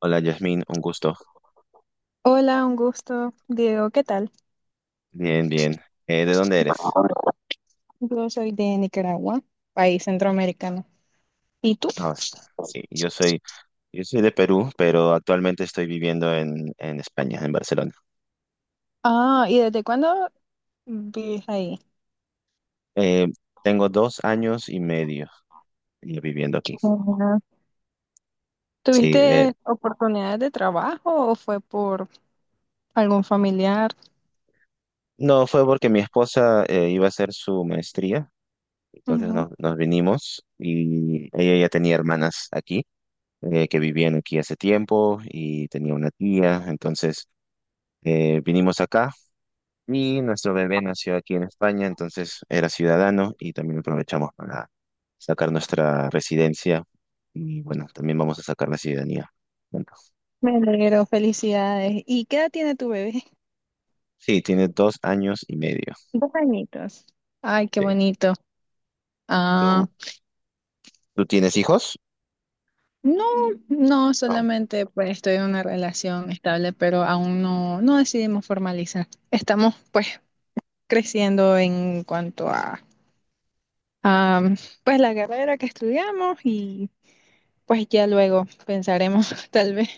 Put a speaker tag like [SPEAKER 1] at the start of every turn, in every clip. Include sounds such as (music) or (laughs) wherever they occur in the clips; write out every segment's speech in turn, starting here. [SPEAKER 1] Hola, Yasmin, un gusto.
[SPEAKER 2] Hola, un gusto. Diego, ¿qué tal?
[SPEAKER 1] Bien, bien. ¿de dónde eres?
[SPEAKER 2] Yo soy de Nicaragua, país centroamericano. ¿Y tú?
[SPEAKER 1] Ah, sí, yo soy de Perú, pero actualmente estoy viviendo en España, en Barcelona.
[SPEAKER 2] Ah, ¿y desde cuándo vives ahí?
[SPEAKER 1] Eh, Tengo 2 años y medio ya viviendo aquí.
[SPEAKER 2] Ujú.
[SPEAKER 1] Sí,
[SPEAKER 2] ¿Tuviste oportunidades de trabajo o fue por algún familiar?
[SPEAKER 1] no, fue porque mi esposa iba a hacer su maestría, entonces
[SPEAKER 2] Ujú.
[SPEAKER 1] nos vinimos y ella ya tenía hermanas aquí, que vivían aquí hace tiempo y tenía una tía, entonces vinimos acá. Y nuestro bebé nació aquí en España, entonces era ciudadano y también aprovechamos para sacar nuestra residencia y bueno, también vamos a sacar la ciudadanía, juntos.
[SPEAKER 2] Me alegro, felicidades. ¿Y qué edad tiene tu bebé?
[SPEAKER 1] Sí, tiene 2 años y medio.
[SPEAKER 2] Dos añitos. Ay, qué
[SPEAKER 1] Sí.
[SPEAKER 2] bonito. Ah,
[SPEAKER 1] ¿Tú, tú tienes hijos?
[SPEAKER 2] no, no,
[SPEAKER 1] No,
[SPEAKER 2] solamente pues estoy en una relación estable, pero aún no, no decidimos formalizar. Estamos pues creciendo en cuanto a, pues la carrera que estudiamos y pues ya luego pensaremos (laughs) tal vez.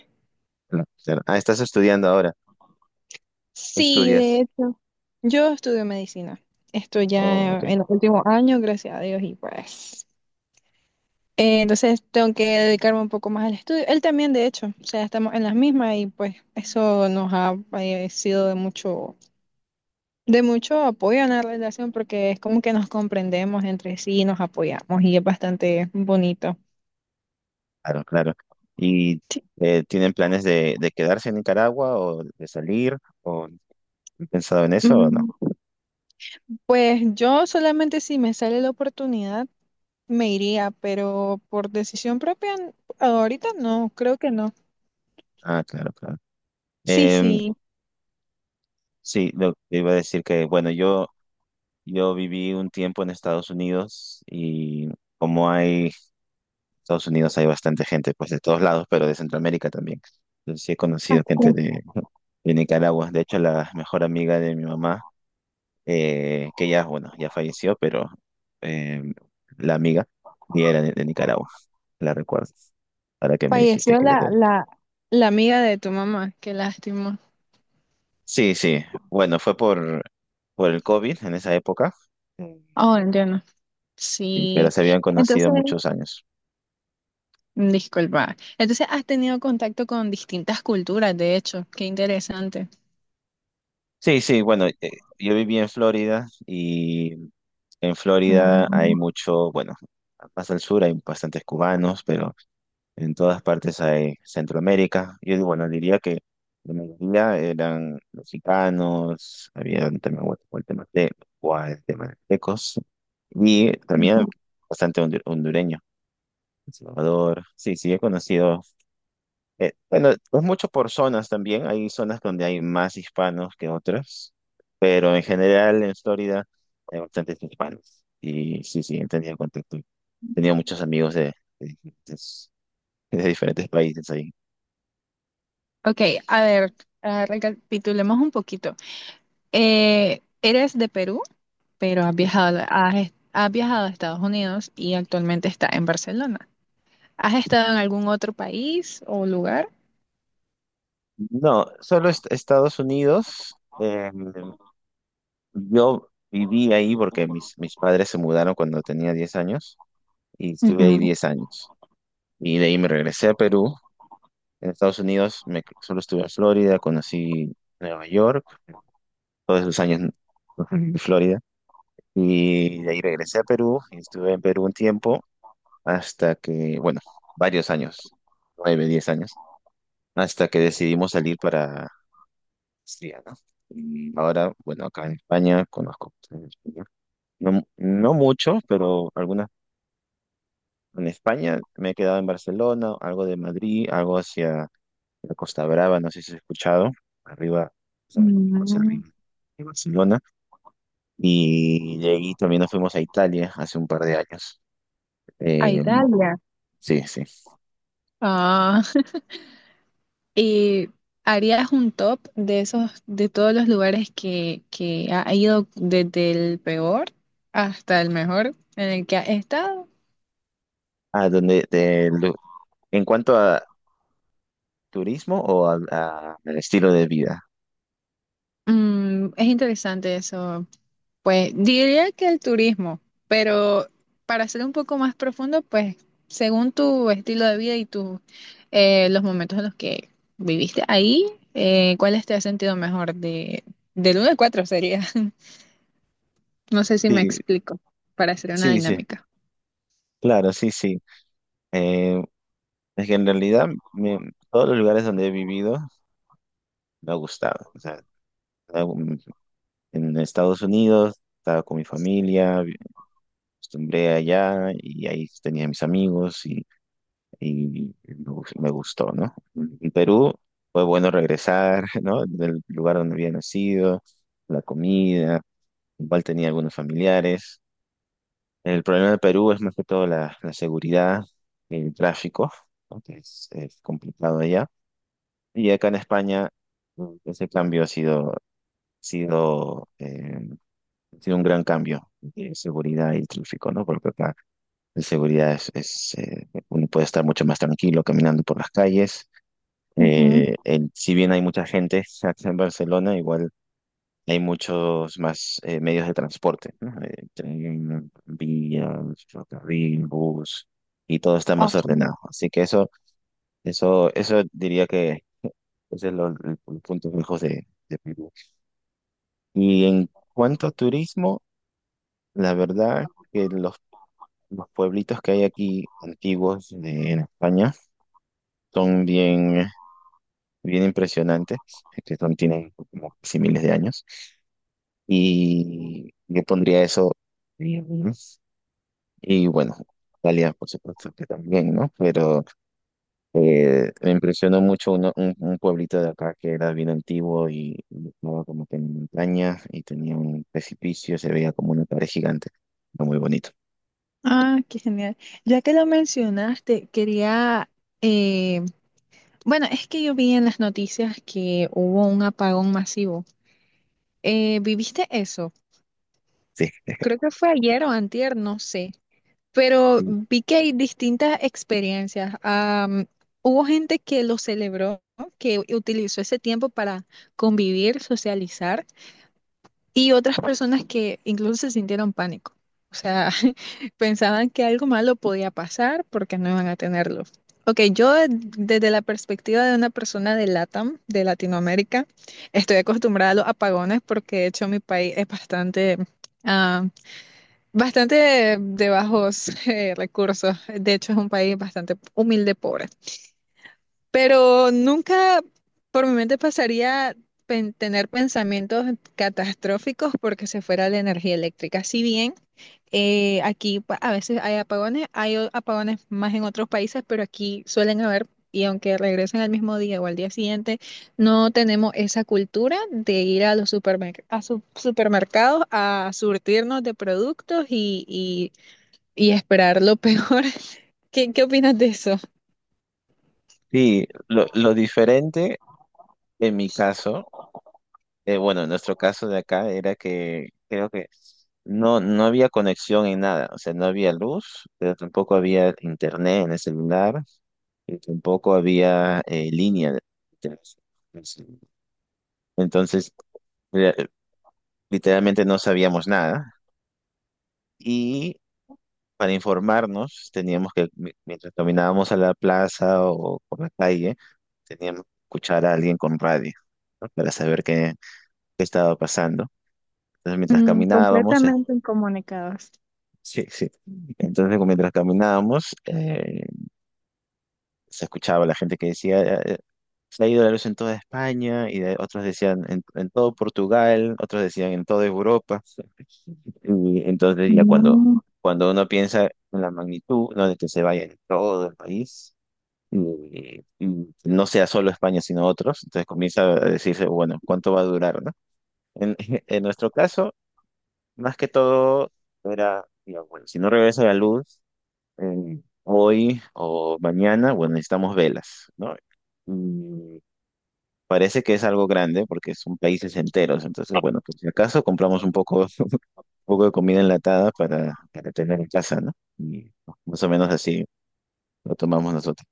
[SPEAKER 1] no, cero. Ah, estás estudiando ahora. ¿Tú
[SPEAKER 2] Sí, de
[SPEAKER 1] estudias?
[SPEAKER 2] hecho, yo estudio medicina. Estoy
[SPEAKER 1] Oh,
[SPEAKER 2] ya
[SPEAKER 1] ok,
[SPEAKER 2] en los últimos años, gracias a Dios, y pues entonces tengo que dedicarme un poco más al estudio. Él también, de hecho, o sea, estamos en las mismas y pues eso nos ha sido de mucho apoyo en la relación porque es como que nos comprendemos entre sí, nos apoyamos y es bastante bonito.
[SPEAKER 1] claro, claro. ¿Y tienen planes de quedarse en Nicaragua o de salir? ¿O han pensado en eso o no?
[SPEAKER 2] Mm. Pues yo solamente si me sale la oportunidad me iría, pero por decisión propia ahorita no, creo que no.
[SPEAKER 1] Ah, claro, claro.
[SPEAKER 2] Sí,
[SPEAKER 1] Em,
[SPEAKER 2] sí.
[SPEAKER 1] sí, iba a decir que, bueno, Yo viví un tiempo en Estados Unidos y como hay, Estados Unidos hay bastante gente, pues de todos lados, pero de Centroamérica también. Entonces sí he
[SPEAKER 2] Ah,
[SPEAKER 1] conocido gente
[SPEAKER 2] ok.
[SPEAKER 1] de Nicaragua. De hecho, la mejor amiga de mi mamá, que bueno, ya falleció, pero eh, la amiga, y era de Nicaragua, la recuerdo. Ahora que me dijiste
[SPEAKER 2] Falleció
[SPEAKER 1] que eres de
[SPEAKER 2] la,
[SPEAKER 1] ahí.
[SPEAKER 2] la, la amiga de tu mamá, qué lástima.
[SPEAKER 1] Sí, sí. Bueno, fue por, el COVID en esa época. Mm.
[SPEAKER 2] Oh, entiendo.
[SPEAKER 1] Sí, pero
[SPEAKER 2] Sí,
[SPEAKER 1] se habían conocido
[SPEAKER 2] entonces,
[SPEAKER 1] muchos años.
[SPEAKER 2] disculpa. Entonces has tenido contacto con distintas culturas, de hecho, qué interesante.
[SPEAKER 1] Sí, sí, bueno, yo viví en Florida y en Florida hay
[SPEAKER 2] Mm.
[SPEAKER 1] mucho, bueno, más al sur hay bastantes cubanos, pero en todas partes hay Centroamérica. Yo, bueno, diría que la mayoría eran mexicanos, había un tema guatemalteco, guatemaltecos y también bastante hondureño, El Salvador. Sí, sí, he conocido bueno, es mucho por zonas también. Hay zonas donde hay más hispanos que otras, pero en general en Florida hay bastantes hispanos. Y sí, sí, he tenido contacto. Tenía muchos amigos de diferentes, países ahí.
[SPEAKER 2] Ok, a ver, ah, recapitulemos un poquito. ¿Eres de Perú? Pero has
[SPEAKER 1] Sí.
[SPEAKER 2] viajado, has viajado a Estados Unidos y actualmente está en Barcelona. ¿Has estado en algún otro país o lugar?
[SPEAKER 1] No, solo Estados Unidos. Yo viví ahí porque mis padres se mudaron cuando tenía 10 años y estuve ahí
[SPEAKER 2] Ujú.
[SPEAKER 1] 10 años. Y de ahí me regresé a Perú. En Estados Unidos solo estuve en Florida, conocí Nueva York, todos esos años en Florida, y de ahí regresé a Perú y estuve en Perú un tiempo hasta que, bueno, varios años, 9, 10 años, hasta que decidimos salir para Austria, ¿no? Y ahora, bueno, acá en España conozco bastante español. No, no mucho, pero algunas. En España me he quedado en Barcelona, algo de Madrid, algo hacia la Costa Brava, no sé si has escuchado, arriba, o sea, Costa
[SPEAKER 2] Mm,
[SPEAKER 1] arriba de Barcelona. Y de ahí también nos fuimos a Italia hace un par de años.
[SPEAKER 2] A
[SPEAKER 1] Eh,
[SPEAKER 2] Italia.
[SPEAKER 1] sí, sí.
[SPEAKER 2] Ah, (laughs) ¿y harías un top de esos, de todos los lugares que ha ido desde el peor hasta el mejor en el que has estado?
[SPEAKER 1] Ah, en cuanto a turismo o a el estilo de vida.
[SPEAKER 2] Es interesante eso. Pues diría que el turismo, pero para ser un poco más profundo, pues según tu estilo de vida y tus los momentos en los que viviste ahí, ¿cuáles te has sentido mejor? Del uno al 4 sería. (laughs) No sé si me
[SPEAKER 1] Sí,
[SPEAKER 2] explico para hacer una
[SPEAKER 1] sí, sí.
[SPEAKER 2] dinámica.
[SPEAKER 1] Claro, sí, sí. Eh, es que en realidad todos los lugares donde he vivido me ha gustado. O sea, en en Estados Unidos estaba con mi familia, acostumbré allá y ahí tenía mis amigos y uf, me gustó, ¿no? En Perú fue bueno regresar, (laughs) ¿no? Del lugar donde había nacido, la comida, igual tenía algunos familiares. El problema de Perú es más que todo la seguridad, el tráfico, ¿no? Que es complicado allá. Y acá en España ese cambio sido, eh, ha sido un gran cambio de seguridad y tráfico, ¿no? Porque acá la seguridad es, uno puede estar mucho más tranquilo caminando por las calles.
[SPEAKER 2] Ujú.
[SPEAKER 1] Si bien hay mucha gente (laughs) acá en Barcelona, igual hay muchos más medios de transporte, ¿no? Tren, vías, ferrocarril, bus, y todo está más
[SPEAKER 2] Awesome.
[SPEAKER 1] ordenado. Así que eso, eso diría que (laughs) ese es el punto fijo de Perú. Y en cuanto a turismo, la verdad que los pueblitos que hay aquí antiguos en España son bien, bien impresionantes, que son, tienen como casi miles de años. Y yo pondría eso. Y, y bueno, Italia, por supuesto que también, ¿no? Pero me impresionó mucho un pueblito de acá que era bien antiguo y estaba como que en montaña y tenía un precipicio, se veía como una pared gigante. Era muy bonito.
[SPEAKER 2] Ah, qué genial. Ya que lo mencionaste, quería, eh, bueno, es que yo vi en las noticias que hubo un apagón masivo. ¿Viviste eso?
[SPEAKER 1] Sí,
[SPEAKER 2] Creo que fue ayer o antier, no sé, pero
[SPEAKER 1] sí,
[SPEAKER 2] vi que hay distintas experiencias. Hubo gente que lo celebró, ¿no? Que utilizó ese tiempo para convivir, socializar, y otras personas que incluso se sintieron pánico. O sea, (laughs) pensaban que algo malo podía pasar porque no iban a tenerlo. Ok, yo desde la perspectiva de una persona de LATAM, de Latinoamérica, estoy acostumbrada a los apagones porque de hecho mi país es bastante, bastante de bajos (laughs) recursos. De hecho, es un país bastante humilde, pobre. Pero nunca por mi mente pasaría tener pensamientos catastróficos porque se fuera la energía eléctrica. Si bien aquí a veces hay apagones, hay apagones más en otros países, pero aquí suelen haber, y aunque regresen al mismo día o al día siguiente, no tenemos esa cultura de ir a los supermercados a surtirnos de productos y esperar lo peor. (laughs) ¿Qué opinas de eso?
[SPEAKER 1] sí, lo diferente en mi caso. Bueno, en nuestro caso de acá era que creo que no había conexión en nada, o sea, no había luz, pero tampoco había internet en el celular y tampoco había línea de internet. Entonces, eh, literalmente no sabíamos nada y para informarnos teníamos que, mientras caminábamos a la plaza o por la calle, teníamos que escuchar a alguien con radio, ¿no? Para saber qué, estaba pasando. Entonces, mientras
[SPEAKER 2] Mm,
[SPEAKER 1] caminábamos.
[SPEAKER 2] completamente incomunicados.
[SPEAKER 1] Sí, sí. Entonces, como mientras caminábamos, se escuchaba la gente que decía, se ha ido la luz en toda España, y otros decían en todo Portugal, otros decían en toda Europa. Y entonces, ya cuando,
[SPEAKER 2] No.
[SPEAKER 1] cuando uno piensa en la magnitud, no de que se vaya en todo el país, y no sea solo España, sino otros, entonces comienza a decirse, bueno, ¿cuánto va a durar, no? En, (laughs) en nuestro caso, más que todo, era, digamos, bueno, si no regresa la luz, hoy o mañana, bueno, necesitamos velas, ¿no? Y parece que es algo grande porque son países enteros, entonces, bueno, pues si acaso compramos un poco, (laughs) un poco de comida enlatada para tener en casa, ¿no? Y más o menos así lo tomamos nosotros.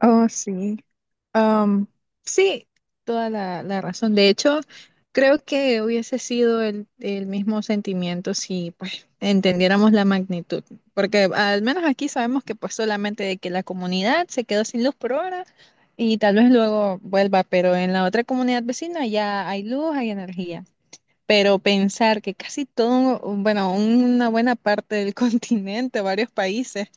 [SPEAKER 2] Oh, sí. Am, sí, toda la razón. De hecho, creo que hubiese sido el mismo sentimiento si pues entendiéramos la magnitud. Porque al menos aquí sabemos que pues solamente de que la comunidad se quedó sin luz por ahora y tal vez luego vuelva, pero en la otra comunidad vecina ya hay luz, hay energía. Pero pensar que casi todo, bueno, una buena parte del (laughs) continente, varios países,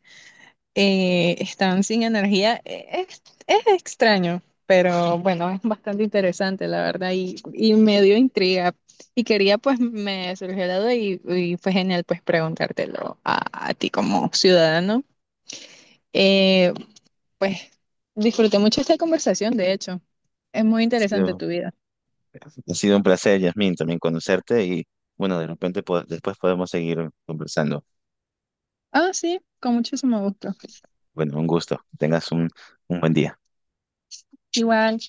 [SPEAKER 2] están sin energía, es extraño, pero bueno, es bastante interesante, la verdad, y me dio intriga. Y quería, pues, me surgió la duda y fue genial, pues, preguntártelo a ti como ciudadano. Eh, pues, disfruté mucho esta conversación, de hecho. Es muy
[SPEAKER 1] Ha
[SPEAKER 2] interesante
[SPEAKER 1] sido,
[SPEAKER 2] tu vida.
[SPEAKER 1] ha sido un placer, Yasmín, también conocerte y, bueno, de repente después podemos seguir conversando.
[SPEAKER 2] Ah, sí, con muchísimo gusto.
[SPEAKER 1] Bueno, un gusto. Tengas un, buen día.
[SPEAKER 2] Igual.